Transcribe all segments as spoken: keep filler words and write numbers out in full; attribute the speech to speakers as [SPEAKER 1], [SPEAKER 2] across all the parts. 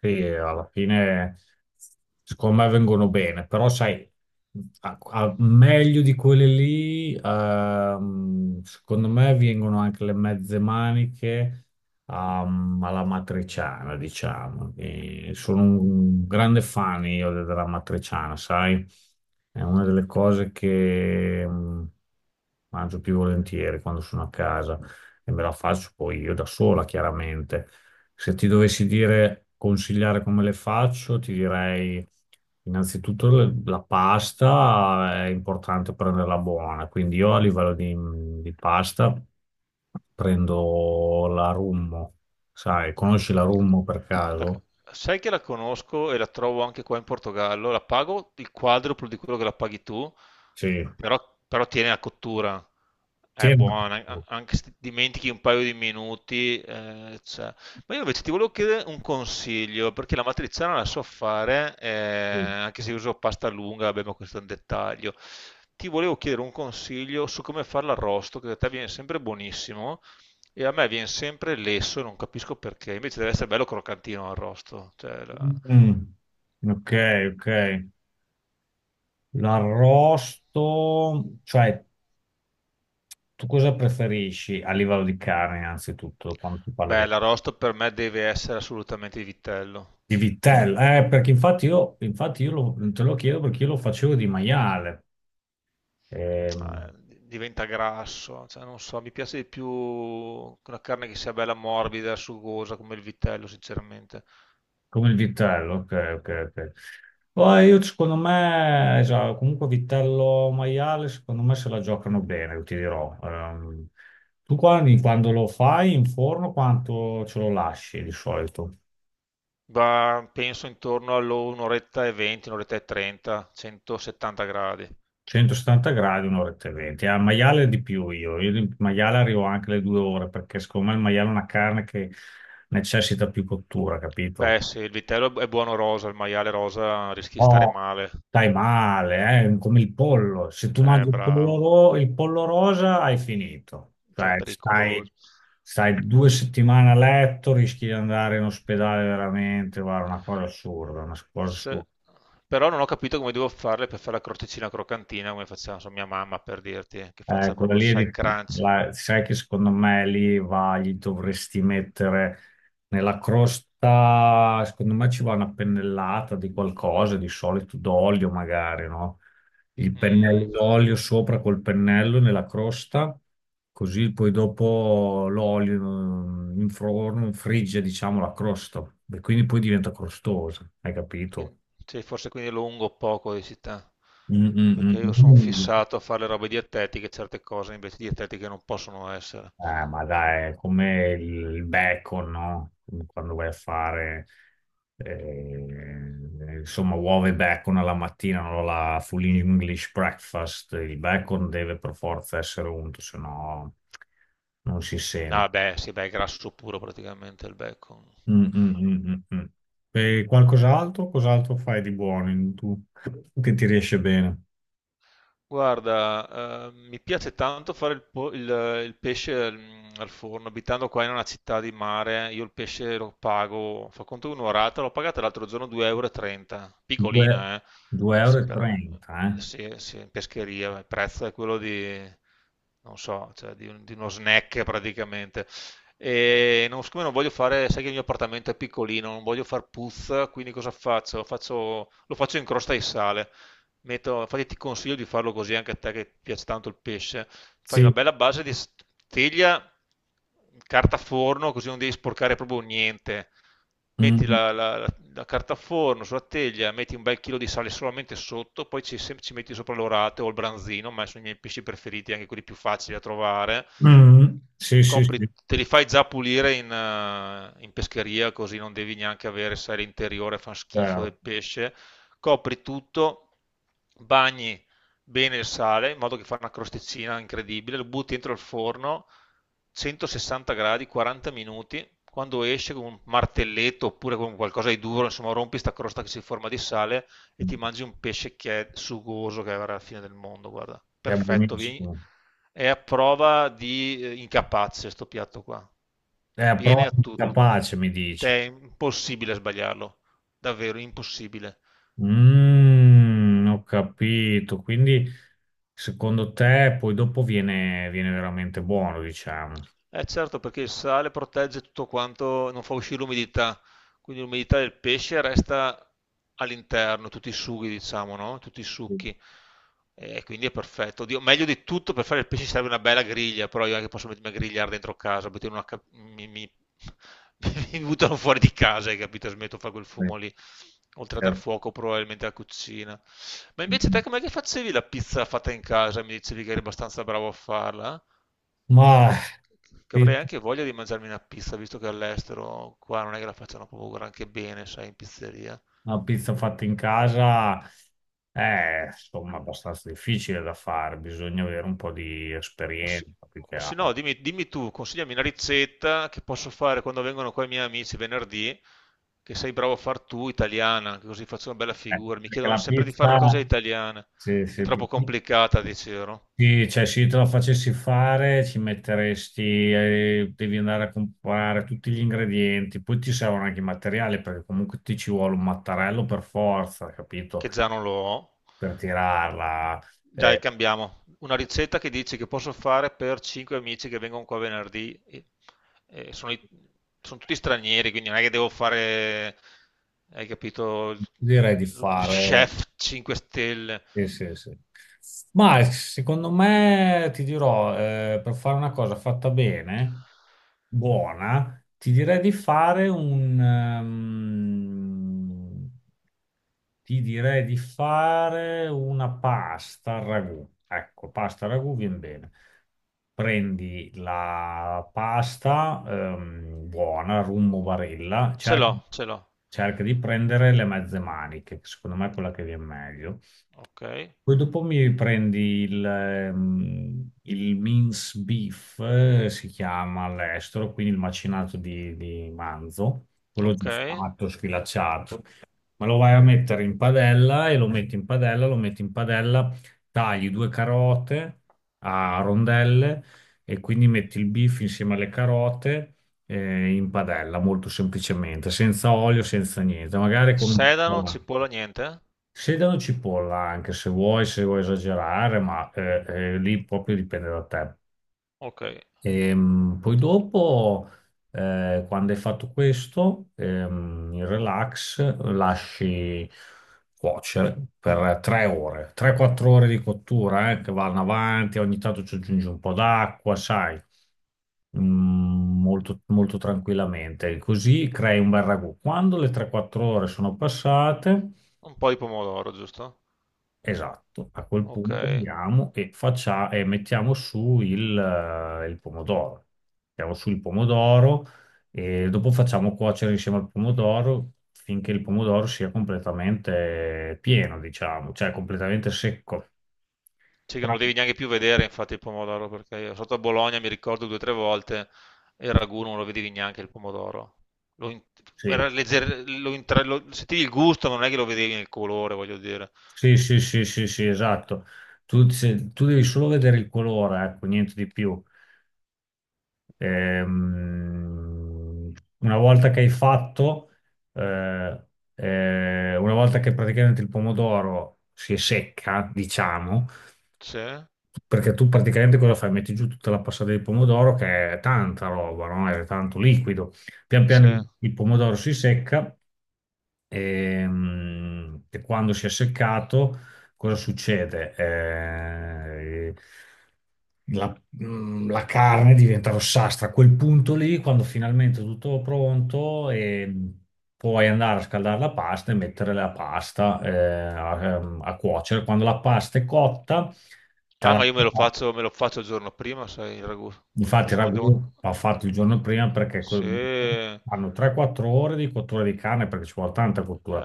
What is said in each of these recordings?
[SPEAKER 1] Sì, alla fine secondo me vengono bene, però sai, a- a- meglio di quelle lì, ehm, secondo me vengono anche le mezze maniche, ehm, alla matriciana, diciamo. E sono un grande fan io de- della matriciana, sai? È una delle cose che mm, mangio più volentieri quando sono a casa e me la faccio poi io da sola, chiaramente. Se ti dovessi dire consigliare come le faccio, ti direi innanzitutto le- la pasta è importante prenderla buona, quindi io a livello di, di pasta prendo la Rummo, sai, conosci la Rummo per
[SPEAKER 2] La-
[SPEAKER 1] caso?
[SPEAKER 2] Sai che la conosco e la trovo anche qua in Portogallo, la pago il quadruplo di quello che la paghi tu,
[SPEAKER 1] Sì.
[SPEAKER 2] però, però tiene la cottura, è
[SPEAKER 1] Sembra.
[SPEAKER 2] buona, a- anche se ti dimentichi un paio di minuti. Eh, c'è. Ma io invece ti volevo chiedere un consiglio, perché la matriciana la so fare, eh,
[SPEAKER 1] Sì.
[SPEAKER 2] anche se uso pasta lunga, vabbè, ma questo è un dettaglio. Ti volevo chiedere un consiglio su come fare l'arrosto, che da te viene sempre buonissimo, e a me viene sempre lesso, non capisco perché, invece deve essere bello croccantino l'arrosto. Cioè. la-
[SPEAKER 1] Mm. Ok, ok. L'arrosto, cioè tu cosa preferisci a livello di carne innanzitutto quando si parla di.
[SPEAKER 2] Beh, l'arrosto per me deve essere assolutamente di vitello.
[SPEAKER 1] Di vitella, eh, perché infatti io, infatti io lo- te lo chiedo perché io lo facevo di maiale, ehm,
[SPEAKER 2] eh, Diventa grasso, cioè, non so, mi piace di più una carne che sia bella morbida, sugosa come il vitello, sinceramente.
[SPEAKER 1] Come il vitello, ok, ok, ok. Poi io secondo me, esatto, comunque vitello maiale, secondo me se la giocano bene, io ti dirò. Ehm, tu quando, quando lo fai in forno, quanto ce lo lasci di solito?
[SPEAKER 2] Ma penso intorno all'un'oretta e venti, un'oretta e trenta, centosettanta gradi.
[SPEAKER 1] centosettanta gradi, un'oretta e venti. Al maiale di più io, io di maiale arrivo anche alle due ore, perché secondo me il maiale è una carne che necessita più cottura, capito?
[SPEAKER 2] Beh, sì, il vitello è buono rosa, il maiale rosa rischi di stare
[SPEAKER 1] No,
[SPEAKER 2] male.
[SPEAKER 1] stai male, eh, come il pollo. Se tu
[SPEAKER 2] Eh,
[SPEAKER 1] mangi il pollo,
[SPEAKER 2] bravo,
[SPEAKER 1] ro- il pollo rosa, hai finito.
[SPEAKER 2] cioè è
[SPEAKER 1] Cioè, stai,
[SPEAKER 2] pericoloso.
[SPEAKER 1] stai due settimane a letto, rischi di andare in ospedale veramente. Guarda, una cosa assurda, una cosa
[SPEAKER 2] Se-
[SPEAKER 1] assurda.
[SPEAKER 2] Però non ho capito come devo farle per fare la crosticina croccantina, come faceva non so, mia mamma, per dirti, che
[SPEAKER 1] Eh,
[SPEAKER 2] faccia
[SPEAKER 1] quella
[SPEAKER 2] proprio,
[SPEAKER 1] lì,
[SPEAKER 2] sai,
[SPEAKER 1] ri-
[SPEAKER 2] crunch.
[SPEAKER 1] la- sai che secondo me lì va, gli dovresti mettere nella crosta, secondo me ci va una pennellata di qualcosa, di solito d'olio magari, no? Il pennello
[SPEAKER 2] Mm.
[SPEAKER 1] d'olio sopra col pennello nella crosta, così poi dopo l'olio mm, in forno frigge, diciamo, la crosta e quindi poi diventa crostosa, hai capito?
[SPEAKER 2] Quin- sì, forse quindi lungo o poco di città,
[SPEAKER 1] Mm,
[SPEAKER 2] perché
[SPEAKER 1] mm,
[SPEAKER 2] io sono
[SPEAKER 1] mm.
[SPEAKER 2] fissato a fare le robe dietetiche, certe cose invece dietetiche non possono essere.
[SPEAKER 1] Eh, ma dai, è come il bacon, no? Quando vai a fare, eh, insomma, uova e bacon alla mattina, no? La full English breakfast, il bacon deve per forza essere unto, se no non si sente.
[SPEAKER 2] Ah beh, sì, beh, è grasso puro praticamente il bacon.
[SPEAKER 1] Mm, mm, mm, mm, mm. E qualcos'altro? Cos'altro fai di buono in- tu che ti riesce bene?
[SPEAKER 2] Guarda, eh, mi piace tanto fare il, po- il- il pesce mm, al forno. Abitando qua in una città di mare, io il pesce lo pago, fa conto un'orata, l'ho pagata l'altro giorno due euro e trenta, e trenta,
[SPEAKER 1] Due-
[SPEAKER 2] piccolina, eh?
[SPEAKER 1] 2,30 euro,
[SPEAKER 2] Sì,
[SPEAKER 1] e
[SPEAKER 2] però,
[SPEAKER 1] trenta, eh?
[SPEAKER 2] sì, sì, in pescheria il prezzo è quello di, non so, cioè di, un- di uno snack praticamente. E non, siccome non voglio fare, sai che il mio appartamento è piccolino, non voglio far puzza, quindi cosa faccio? Faccio- lo faccio in crosta di sale. Metto, infatti ti consiglio di farlo così anche a te che piace tanto il pesce. Fai una
[SPEAKER 1] Sì.
[SPEAKER 2] bella base di s- teglia, carta forno, così non devi sporcare proprio niente. Metti
[SPEAKER 1] Mm.
[SPEAKER 2] la, la- la carta forno sulla teglia, metti un bel chilo di sale solamente sotto, poi ci, sem- ci metti sopra l'orate o il branzino, ma sono i miei pesci preferiti, anche quelli più facili da trovare.
[SPEAKER 1] Mm. Sì, sì, sì,
[SPEAKER 2] Copri, te li fai già pulire in, eh, in pescheria, così non devi neanche avere, sai, l'interiore fa schifo del
[SPEAKER 1] certo.
[SPEAKER 2] pesce, copri tutto, bagni bene il sale, in modo che fa una crosticina incredibile, lo butti dentro il forno, centosessanta gradi, quaranta minuti, quando esce con un martelletto oppure con qualcosa di duro, insomma rompi sta crosta che si forma di sale e ti mangi un pesce che è sugoso, che è la fine del mondo, guarda,
[SPEAKER 1] È
[SPEAKER 2] perfetto, vi-
[SPEAKER 1] buonissimo.
[SPEAKER 2] è a prova di eh, incapace sto piatto qua,
[SPEAKER 1] È
[SPEAKER 2] viene a
[SPEAKER 1] proprio
[SPEAKER 2] tutti,
[SPEAKER 1] capace, mi
[SPEAKER 2] te
[SPEAKER 1] dici.
[SPEAKER 2] è impossibile sbagliarlo, davvero impossibile.
[SPEAKER 1] Mm, ho capito. Quindi, secondo te, poi dopo viene, viene veramente buono, diciamo.
[SPEAKER 2] Eh certo, perché il sale protegge tutto quanto, non fa uscire l'umidità, quindi l'umidità del pesce resta all'interno, tutti i sughi, diciamo, no? Tutti i
[SPEAKER 1] Sì,
[SPEAKER 2] succhi. E quindi è perfetto. Oddio, meglio di tutto per fare il pesce serve una bella griglia, però io anche posso mettermi a grigliare dentro casa, mettere una ca- mi, mi, mi buttano fuori di casa, hai capito? Smetto di fare quel fumo lì, oltre a dar
[SPEAKER 1] certo.
[SPEAKER 2] fuoco probabilmente alla cucina. Ma invece
[SPEAKER 1] Mm.
[SPEAKER 2] te com'è che facevi la pizza fatta in casa? Mi dicevi che eri abbastanza bravo a farla? Eh?
[SPEAKER 1] Ma
[SPEAKER 2] Che
[SPEAKER 1] sì,
[SPEAKER 2] avrei anche voglia di mangiarmi una pizza, visto che all'estero qua non è che la facciano proprio granché bene, sai, in pizzeria.
[SPEAKER 1] una pizza fatta in casa è, insomma, abbastanza difficile da fare. Bisogna avere un po' di
[SPEAKER 2] O se,
[SPEAKER 1] esperienza, più che
[SPEAKER 2] o se no,
[SPEAKER 1] altro.
[SPEAKER 2] dimmi, dimmi tu, consigliami una ricetta che posso fare quando vengono qua i miei amici venerdì, che sei bravo a far tu, italiana, che così faccio una bella
[SPEAKER 1] Eh,
[SPEAKER 2] figura. Mi
[SPEAKER 1] perché
[SPEAKER 2] chiedono
[SPEAKER 1] la
[SPEAKER 2] sempre di fare una cosa
[SPEAKER 1] pizza.
[SPEAKER 2] italiana.
[SPEAKER 1] Sì,
[SPEAKER 2] È
[SPEAKER 1] sì,
[SPEAKER 2] troppo
[SPEAKER 1] sì.
[SPEAKER 2] complicata, dicevo,
[SPEAKER 1] Sì, cioè se io te la facessi fare ci metteresti, eh, devi andare a comprare tutti gli ingredienti, poi ti servono anche i materiali perché comunque ti ci vuole un mattarello per forza, capito?
[SPEAKER 2] che già non lo ho.
[SPEAKER 1] Per tirarla.
[SPEAKER 2] Dai,
[SPEAKER 1] Eh,
[SPEAKER 2] cambiamo. Una ricetta che dici che posso fare per cinque amici che vengono qua venerdì. e- e sono, i- sono tutti stranieri, quindi non è che devo fare, hai capito, il,
[SPEAKER 1] direi di
[SPEAKER 2] il
[SPEAKER 1] fare.
[SPEAKER 2] chef cinque stelle.
[SPEAKER 1] Sì, sì, sì. Ma secondo me ti dirò, eh, per fare una cosa fatta bene, buona, ti direi di fare un... ehm, ti direi di fare una pasta al ragù. Ecco, pasta al ragù viene bene. Prendi la pasta ehm, buona, Rummo Barilla,
[SPEAKER 2] Ce
[SPEAKER 1] cerca,
[SPEAKER 2] l'ho, ce l'ho.
[SPEAKER 1] cerca di prendere le mezze maniche, che secondo me è quella che viene meglio.
[SPEAKER 2] Ok,
[SPEAKER 1] Poi dopo mi prendi il, ehm, il mince beef, eh, si chiama all'estero, quindi il macinato di, di manzo, quello
[SPEAKER 2] ok.
[SPEAKER 1] già fatto, sfilacciato ma lo vai a mettere in padella e lo metti in padella, lo metti in padella, tagli due carote a rondelle e quindi metti il beef insieme alle carote eh, in padella, molto semplicemente, senza olio, senza niente, magari con un po'
[SPEAKER 2] Sedano,
[SPEAKER 1] d'acqua.
[SPEAKER 2] cipolla, niente.
[SPEAKER 1] Sedano cipolla anche se vuoi, se vuoi esagerare, ma eh, eh, lì proprio dipende da te.
[SPEAKER 2] Ok.
[SPEAKER 1] Ehm, poi dopo, eh, quando hai fatto questo, ehm, il relax lasci cuocere per 3 ore, tre quattro ore di cottura, eh, che vanno avanti, ogni tanto ci aggiungi un po' d'acqua, sai. Mm, molto, molto tranquillamente. Così crei un bel ragù. Quando le tre quattro ore sono passate,
[SPEAKER 2] Un po' di pomodoro, giusto?
[SPEAKER 1] esatto, a quel
[SPEAKER 2] Ok.
[SPEAKER 1] punto andiamo e, faccia- e mettiamo su il, eh, il pomodoro. Mettiamo su il pomodoro e dopo facciamo cuocere insieme al pomodoro finché il pomodoro sia completamente pieno, diciamo, cioè completamente secco.
[SPEAKER 2] Sì, che non lo
[SPEAKER 1] Qua-
[SPEAKER 2] devi neanche più vedere, infatti, il pomodoro, perché io sotto a Bologna mi ricordo due o tre volte e il ragù non lo vedevi neanche il pomodoro. Lo, in-
[SPEAKER 1] Sì,
[SPEAKER 2] era legger- lo intra- lo- Sentivi il gusto, ma non è che lo vedevi nel colore, voglio dire.
[SPEAKER 1] sì, sì, sì, sì, sì, esatto. Tu, se- tu devi solo vedere il colore, ecco, niente di più. Ehm, una volta che hai fatto, eh, eh, una volta che praticamente il pomodoro si è secca, diciamo,
[SPEAKER 2] Sì,
[SPEAKER 1] perché tu praticamente cosa fai? Metti giù tutta la passata di pomodoro che è tanta roba, no? È tanto liquido. Pian piano
[SPEAKER 2] sì.
[SPEAKER 1] il il pomodoro si secca. Ehm, E, quando si è seccato, cosa succede? Eh, la, mm, la carne diventa rossastra. A quel punto lì, quando finalmente è tutto pronto, ehm, puoi andare a scaldare la pasta e mettere la pasta eh, a, ehm, a cuocere. Quando la pasta è cotta, te
[SPEAKER 2] Ah,
[SPEAKER 1] la-
[SPEAKER 2] ma io me lo faccio, me lo faccio il giorno prima, sai, il ragù, co-
[SPEAKER 1] infatti
[SPEAKER 2] così
[SPEAKER 1] il
[SPEAKER 2] non
[SPEAKER 1] ragù
[SPEAKER 2] devo...
[SPEAKER 1] va fatto il giorno prima perché que-
[SPEAKER 2] Sì, eh.
[SPEAKER 1] fanno tre quattro ore di cottura di carne perché ci vuole tanta cottura.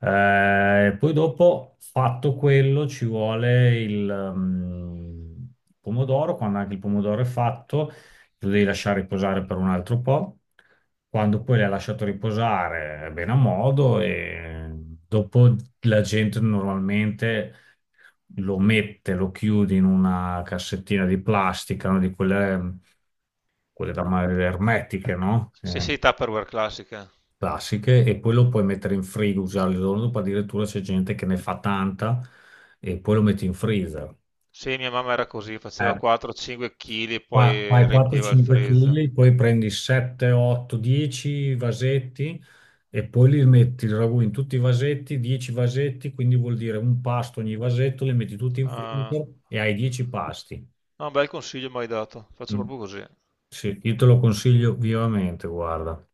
[SPEAKER 1] Eh, poi dopo, fatto quello, ci vuole il ehm, pomodoro. Quando anche il pomodoro è fatto, lo devi lasciare riposare per un altro po'. Quando poi l'hai lasciato riposare, è bene a modo e dopo la gente normalmente lo mette, lo chiude in una cassettina di plastica, no? Di quelle, mm, quelle da ma- ermetiche, no?
[SPEAKER 2] Sì,
[SPEAKER 1] Eh,
[SPEAKER 2] sì, Tupperware classiche.
[SPEAKER 1] classiche e poi lo puoi mettere in frigo, usare il giorno dopo, addirittura c'è gente che ne fa tanta e poi lo metti in freezer.
[SPEAKER 2] Sì, mia mamma era così, faceva
[SPEAKER 1] Eh,
[SPEAKER 2] quattro o cinque kg e
[SPEAKER 1] fa-
[SPEAKER 2] poi
[SPEAKER 1] fai
[SPEAKER 2] riempiva il freezer.
[SPEAKER 1] quattro o cinque chili kg, poi prendi sette, otto, dieci vasetti e poi li metti il ragù in tutti i vasetti, dieci vasetti, quindi vuol dire un pasto ogni vasetto, li metti tutti in
[SPEAKER 2] Ah,
[SPEAKER 1] freezer e hai dieci pasti.
[SPEAKER 2] no, un bel consiglio mi hai dato, faccio
[SPEAKER 1] Mm.
[SPEAKER 2] proprio così.
[SPEAKER 1] Sì, io te lo consiglio vivamente, guarda.